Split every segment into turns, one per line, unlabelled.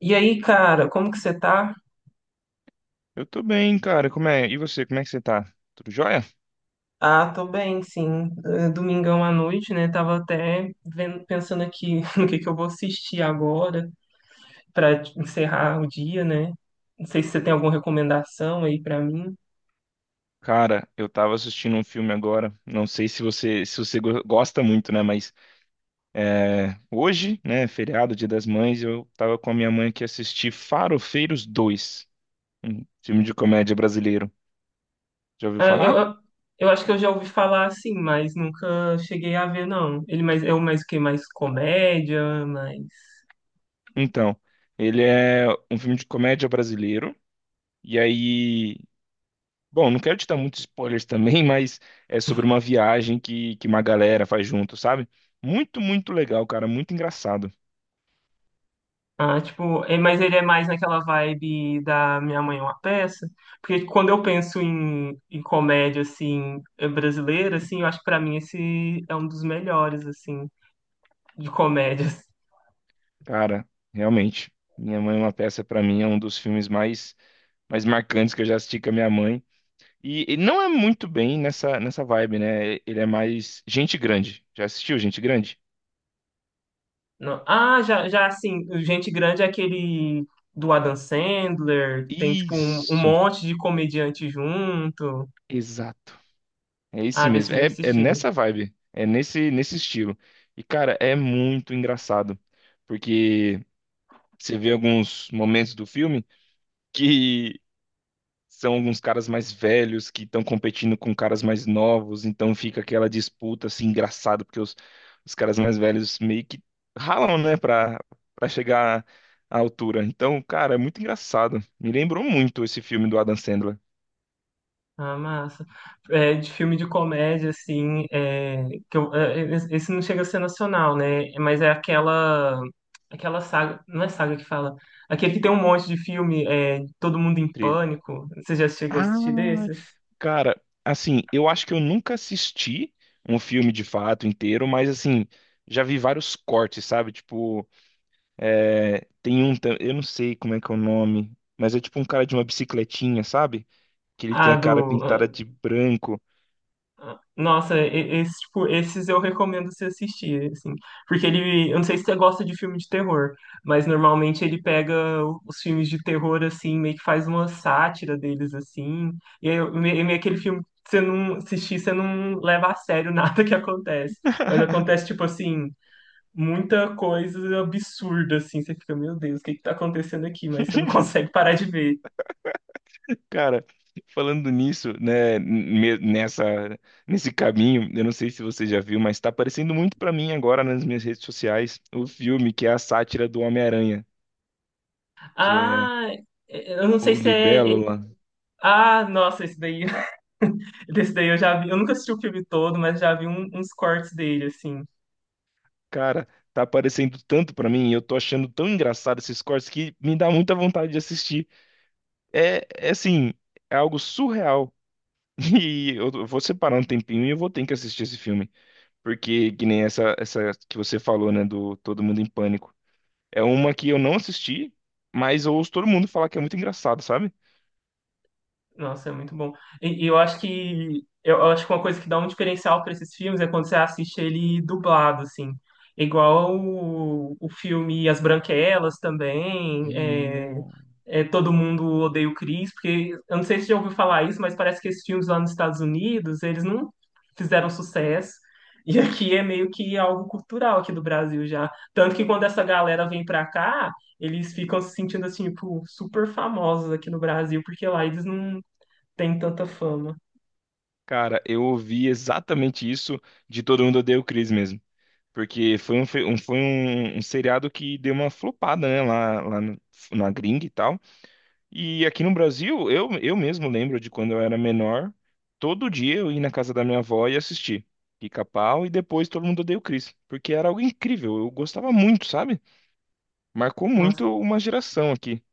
E aí, cara, como que você tá?
Eu tô bem, cara. Como é? E você, como é que você tá? Tudo jóia?
Ah, tô bem, sim. Domingão à noite, né? Tava até vendo, pensando aqui no que eu vou assistir agora pra encerrar o dia, né? Não sei se você tem alguma recomendação aí pra mim.
Cara, eu tava assistindo um filme agora. Não sei se você gosta muito, né? Mas é, hoje, né, feriado, Dia das Mães, eu tava com a minha mãe que assisti Farofeiros dois, um filme de comédia brasileiro. Já ouviu
Ah, eu,
falar?
eu eu acho que eu já ouvi falar assim, mas nunca cheguei a ver, não. Ele mais, é o mais o quê? Mais comédia, mais.
Então, ele é um filme de comédia brasileiro. E aí, bom, não quero te dar muitos spoilers também, mas é sobre uma viagem que uma galera faz junto, sabe? Muito, muito legal, cara, muito engraçado.
Ah, tipo, mas ele é mais naquela vibe da Minha Mãe é uma Peça, porque tipo, quando eu penso em comédia, assim, brasileira, assim, eu acho que pra mim esse é um dos melhores, assim, de comédias.
Cara, realmente, Minha Mãe é uma Peça, pra mim, é um dos filmes mais, mais marcantes que eu já assisti com a minha mãe. E não é muito bem nessa vibe, né? Ele é mais Gente Grande. Já assistiu Gente Grande?
Ah, já, já, assim, o Gente Grande é aquele do Adam Sandler, que tem, tipo, um
Isso,
monte de comediante junto.
exato. É esse
Ah,
mesmo.
desse eu já
É, é
assisti.
nessa vibe, é nesse estilo. E, cara, é muito engraçado, porque você vê alguns momentos do filme que são alguns caras mais velhos que estão competindo com caras mais novos, então fica aquela disputa assim engraçada, porque os caras mais velhos meio que ralam, né, pra chegar à altura. Então, cara, é muito engraçado. Me lembrou muito esse filme do Adam Sandler.
Ah, massa. É, de filme de comédia, assim, é, esse não chega a ser nacional, né? Aquela saga, não é saga que fala, aquele que tem um monte de filme, é, Todo Mundo em
Tri-
Pânico. Você já chegou a assistir
Ah,
desses?
cara, assim, eu acho que eu nunca assisti um filme de fato inteiro, mas assim, já vi vários cortes, sabe? Tipo, é, tem um, eu não sei como é que é o nome, mas é tipo um cara de uma bicicletinha, sabe? Que ele tem
Ah,
a cara
do
pintada de branco.
Nossa, esse, tipo, esses eu recomendo você assistir, assim, porque ele, eu não sei se você gosta de filme de terror, mas normalmente ele pega os filmes de terror, assim, meio que faz uma sátira deles, assim, e é meio aquele filme que você não assistir, você não leva a sério nada que acontece, mas acontece, tipo assim, muita coisa absurda, assim, você fica, meu Deus, o que que tá acontecendo aqui? Mas você não consegue parar de ver.
Cara, falando nisso, né, nessa, nesse caminho, eu não sei se você já viu, mas tá aparecendo muito pra mim agora nas minhas redes sociais o filme que é a sátira do Homem-Aranha, que é
Ah, eu não sei
o
se é...
Libélula.
Ah, nossa, esse daí... Desse daí eu já vi, eu nunca assisti o filme todo, mas já vi uns cortes dele, assim.
Cara, tá aparecendo tanto pra mim e eu tô achando tão engraçado esses cortes que me dá muita vontade de assistir. É, é assim, é algo surreal. E eu vou separar um tempinho e eu vou ter que assistir esse filme. Porque, que nem essa que você falou, né, do Todo Mundo em Pânico. É uma que eu não assisti, mas eu ouço todo mundo falar que é muito engraçado, sabe?
Nossa, é muito bom. Eu acho que uma coisa que dá um diferencial para esses filmes é quando você assiste ele dublado, assim. Igual o filme As Branquelas também,
Hum.
é, Todo Mundo Odeia o Chris, porque eu não sei se você já ouviu falar isso, mas parece que esses filmes lá nos Estados Unidos, eles não fizeram sucesso. E aqui é meio que algo cultural aqui do Brasil já. Tanto que quando essa galera vem pra cá, eles ficam se sentindo assim, tipo, super famosos aqui no Brasil, porque lá eles não tem tanta fama.
Cara, eu ouvi exatamente isso de Todo Mundo Odeia o Chris mesmo. Porque foi um um seriado que deu uma flopada, né, lá na gringa e tal. E aqui no Brasil, eu mesmo lembro de quando eu era menor, todo dia eu ia na casa da minha avó e assistir Pica-Pau e depois Todo Mundo Odeia o Chris, porque era algo incrível, eu gostava muito, sabe? Marcou muito
Nossa.
uma geração aqui.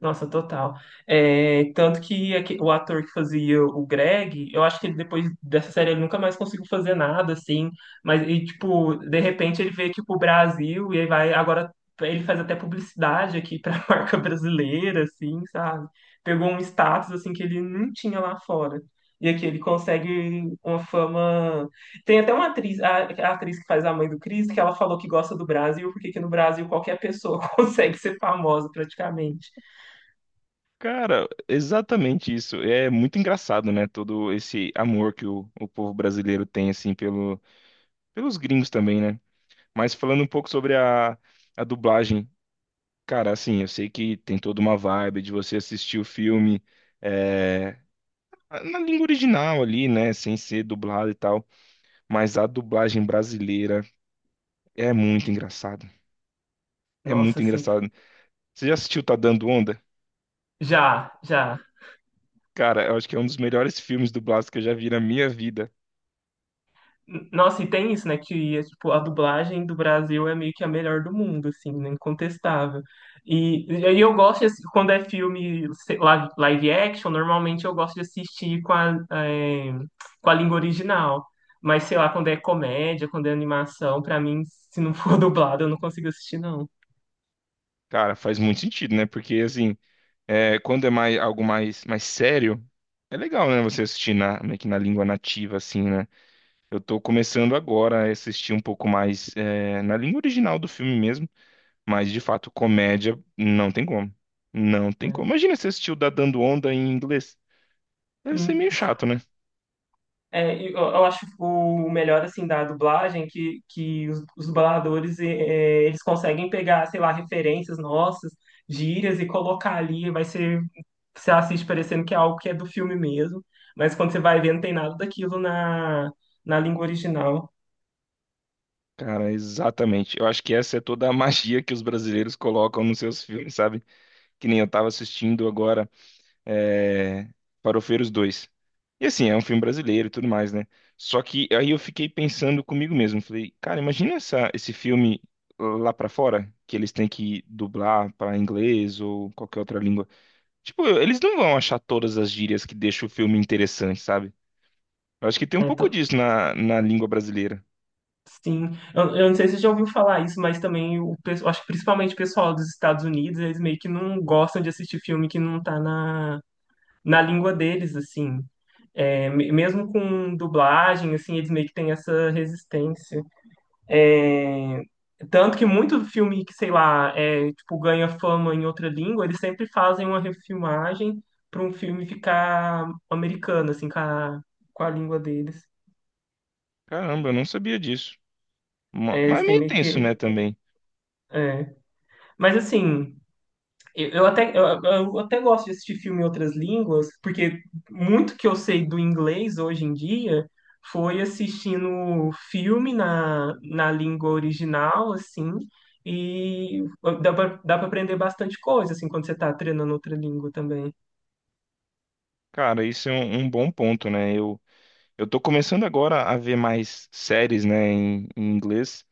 Nossa, total. É, tanto que o ator que fazia o Greg, eu acho que ele, depois dessa série ele nunca mais conseguiu fazer nada, assim. Mas, e, tipo, de repente ele veio aqui pro Brasil e aí vai. Agora ele faz até publicidade aqui pra marca brasileira, assim, sabe? Pegou um status, assim, que ele não tinha lá fora. E aqui ele consegue uma fama. Tem até uma atriz, a atriz que faz a mãe do Chris, que ela falou que gosta do Brasil, porque que no Brasil qualquer pessoa consegue ser famosa praticamente.
Cara, exatamente isso. É muito engraçado, né? Todo esse amor que o povo brasileiro tem, assim, pelo, pelos gringos também, né? Mas falando um pouco sobre a dublagem, cara, assim, eu sei que tem toda uma vibe de você assistir o filme eh, na língua original ali, né? Sem ser dublado e tal. Mas a dublagem brasileira é muito engraçada. É
Nossa,
muito
assim,
engraçada. Você já assistiu Tá Dando Onda?
já, já.
Cara, eu acho que é um dos melhores filmes dublados que eu já vi na minha vida.
N- Nossa, e tem isso, né, que é, tipo, a dublagem do Brasil é meio que a melhor do mundo, assim, né, incontestável. E aí eu gosto, quando é filme sei lá, live action, normalmente eu gosto de assistir com a, com a língua original. Mas, sei lá, quando é comédia, quando é animação, pra mim, se não for dublado, eu não consigo assistir, não.
Cara, faz muito sentido, né? Porque, assim, é, quando é mais, algo mais, mais sério, é legal, né? Você assistir na, meio que na língua nativa, assim, né? Eu tô começando agora a assistir um pouco mais, é, na língua original do filme mesmo. Mas, de fato, comédia não tem como. Não tem como. Imagina se assistiu da Dando Onda em inglês. Deve ser
Hum.
meio chato, né?
Eu acho o melhor assim da dublagem é que os dubladores eles conseguem pegar, sei lá, referências nossas, gírias e colocar ali, vai ser você assiste parecendo que é algo que é do filme mesmo, mas quando você vai ver não tem nada daquilo na, na língua original.
Cara, exatamente. Eu acho que essa é toda a magia que os brasileiros colocam nos seus filmes, sabe? Que nem eu tava assistindo agora é... Farofeiros 2. E assim, é um filme brasileiro e tudo mais, né? Só que aí eu fiquei pensando comigo mesmo. Falei, cara, imagina esse filme lá pra fora, que eles têm que dublar pra inglês ou qualquer outra língua. Tipo, eles não vão achar todas as gírias que deixam o filme interessante, sabe? Eu acho que tem um
Né?
pouco
Então,
disso na língua brasileira.
Sim, eu não sei se você já ouviu falar isso, mas também o pessoal, acho que principalmente o pessoal dos Estados Unidos, eles meio que não gostam de assistir filme que não tá na, na língua deles, assim. É, mesmo com dublagem, assim, eles meio que têm essa resistência. É, tanto que muito filme que, sei lá, é, tipo, ganha fama em outra língua, eles sempre fazem uma refilmagem para um filme ficar americano, assim, com a língua deles.
Caramba, eu não sabia disso.
É, eles
Mas é
têm
meio
meio
tenso,
que.
né, também.
É. Mas assim. Eu até gosto de assistir filme em outras línguas, porque muito que eu sei do inglês hoje em dia foi assistindo filme na, na língua original, assim, e dá pra aprender bastante coisa, assim, quando você tá treinando outra língua também.
Cara, isso é um bom ponto, né? Eu tô começando agora a ver mais séries, né, em inglês.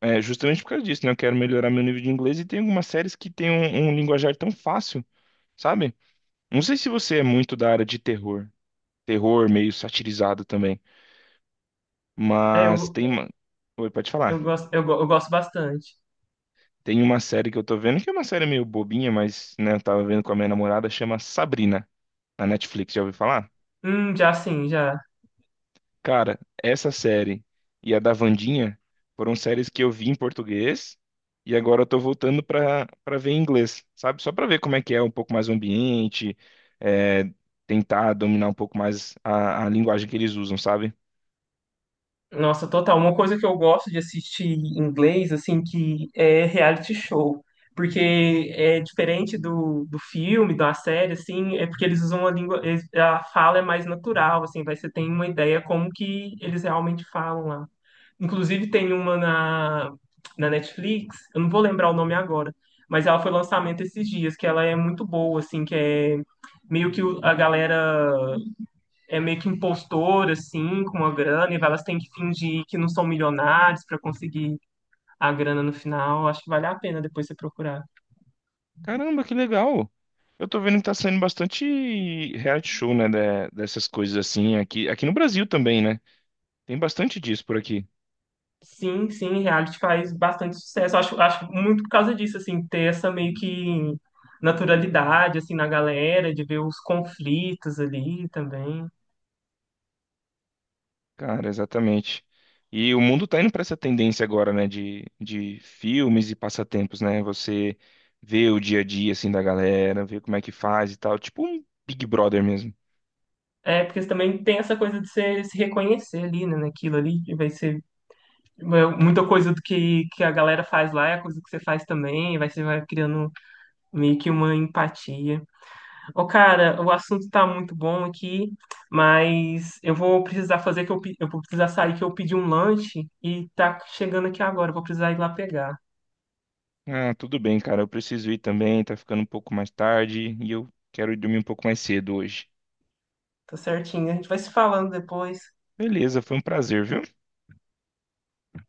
É, justamente por causa disso, né? Eu quero melhorar meu nível de inglês e tem algumas séries que tem um linguajar tão fácil, sabe? Não sei se você é muito da área de terror. Terror meio satirizado também.
É,
Mas
eu,
tem uma... Oi, pode falar.
eu gosto bastante.
Tem uma série que eu tô vendo, que é uma série meio bobinha, mas, né, eu tava vendo com a minha namorada, chama Sabrina, na Netflix, já ouviu falar?
Já sim, já.
Cara, essa série e a da Wandinha foram séries que eu vi em português e agora eu tô voltando pra ver em inglês, sabe? Só pra ver como é que é um pouco mais o ambiente, é, tentar dominar um pouco mais a linguagem que eles usam, sabe?
Nossa, total. Uma coisa que eu gosto de assistir em inglês, assim, que é reality show. Porque é diferente do filme, da série, assim, é porque eles usam a língua, eles- a fala é mais natural, assim, vai, você tem uma ideia como que eles realmente falam lá. Inclusive tem uma na, na Netflix, eu não vou lembrar o nome agora, mas ela foi lançamento esses dias, que ela é muito boa, assim, que é meio que a galera é meio que impostor, assim, com a grana, e elas têm que fingir que não são milionários para conseguir a grana no final. Acho que vale a pena depois você procurar.
Caramba, que legal! Eu tô vendo que tá saindo bastante reality show, né, de- dessas coisas assim, aqui, aqui no Brasil também, né? Tem bastante disso por aqui.
Sim, sim, reality faz bastante sucesso. Acho, acho muito por causa disso, assim, ter essa meio que naturalidade, assim, na galera, de ver os conflitos ali também.
Cara, exatamente. E o mundo tá indo pra essa tendência agora, né, de filmes e passatempos, né? Você vê o dia a dia, assim, da galera, vê como é que faz e tal. Tipo um Big Brother mesmo.
É, porque também tem essa coisa de você se reconhecer ali, né, naquilo ali, que vai ser é, muita coisa que a galera faz lá, é a coisa que você faz também, vai, você vai criando meio que uma empatia. Ô, cara, o assunto tá muito bom aqui, mas eu vou precisar fazer eu vou precisar sair que eu pedi um lanche e tá chegando aqui agora, eu vou precisar ir lá pegar.
Ah, tudo bem, cara, eu preciso ir também, tá ficando um pouco mais tarde e eu quero ir dormir um pouco mais cedo hoje.
Tá certinho, a gente vai se falando depois.
Beleza, foi um prazer, viu?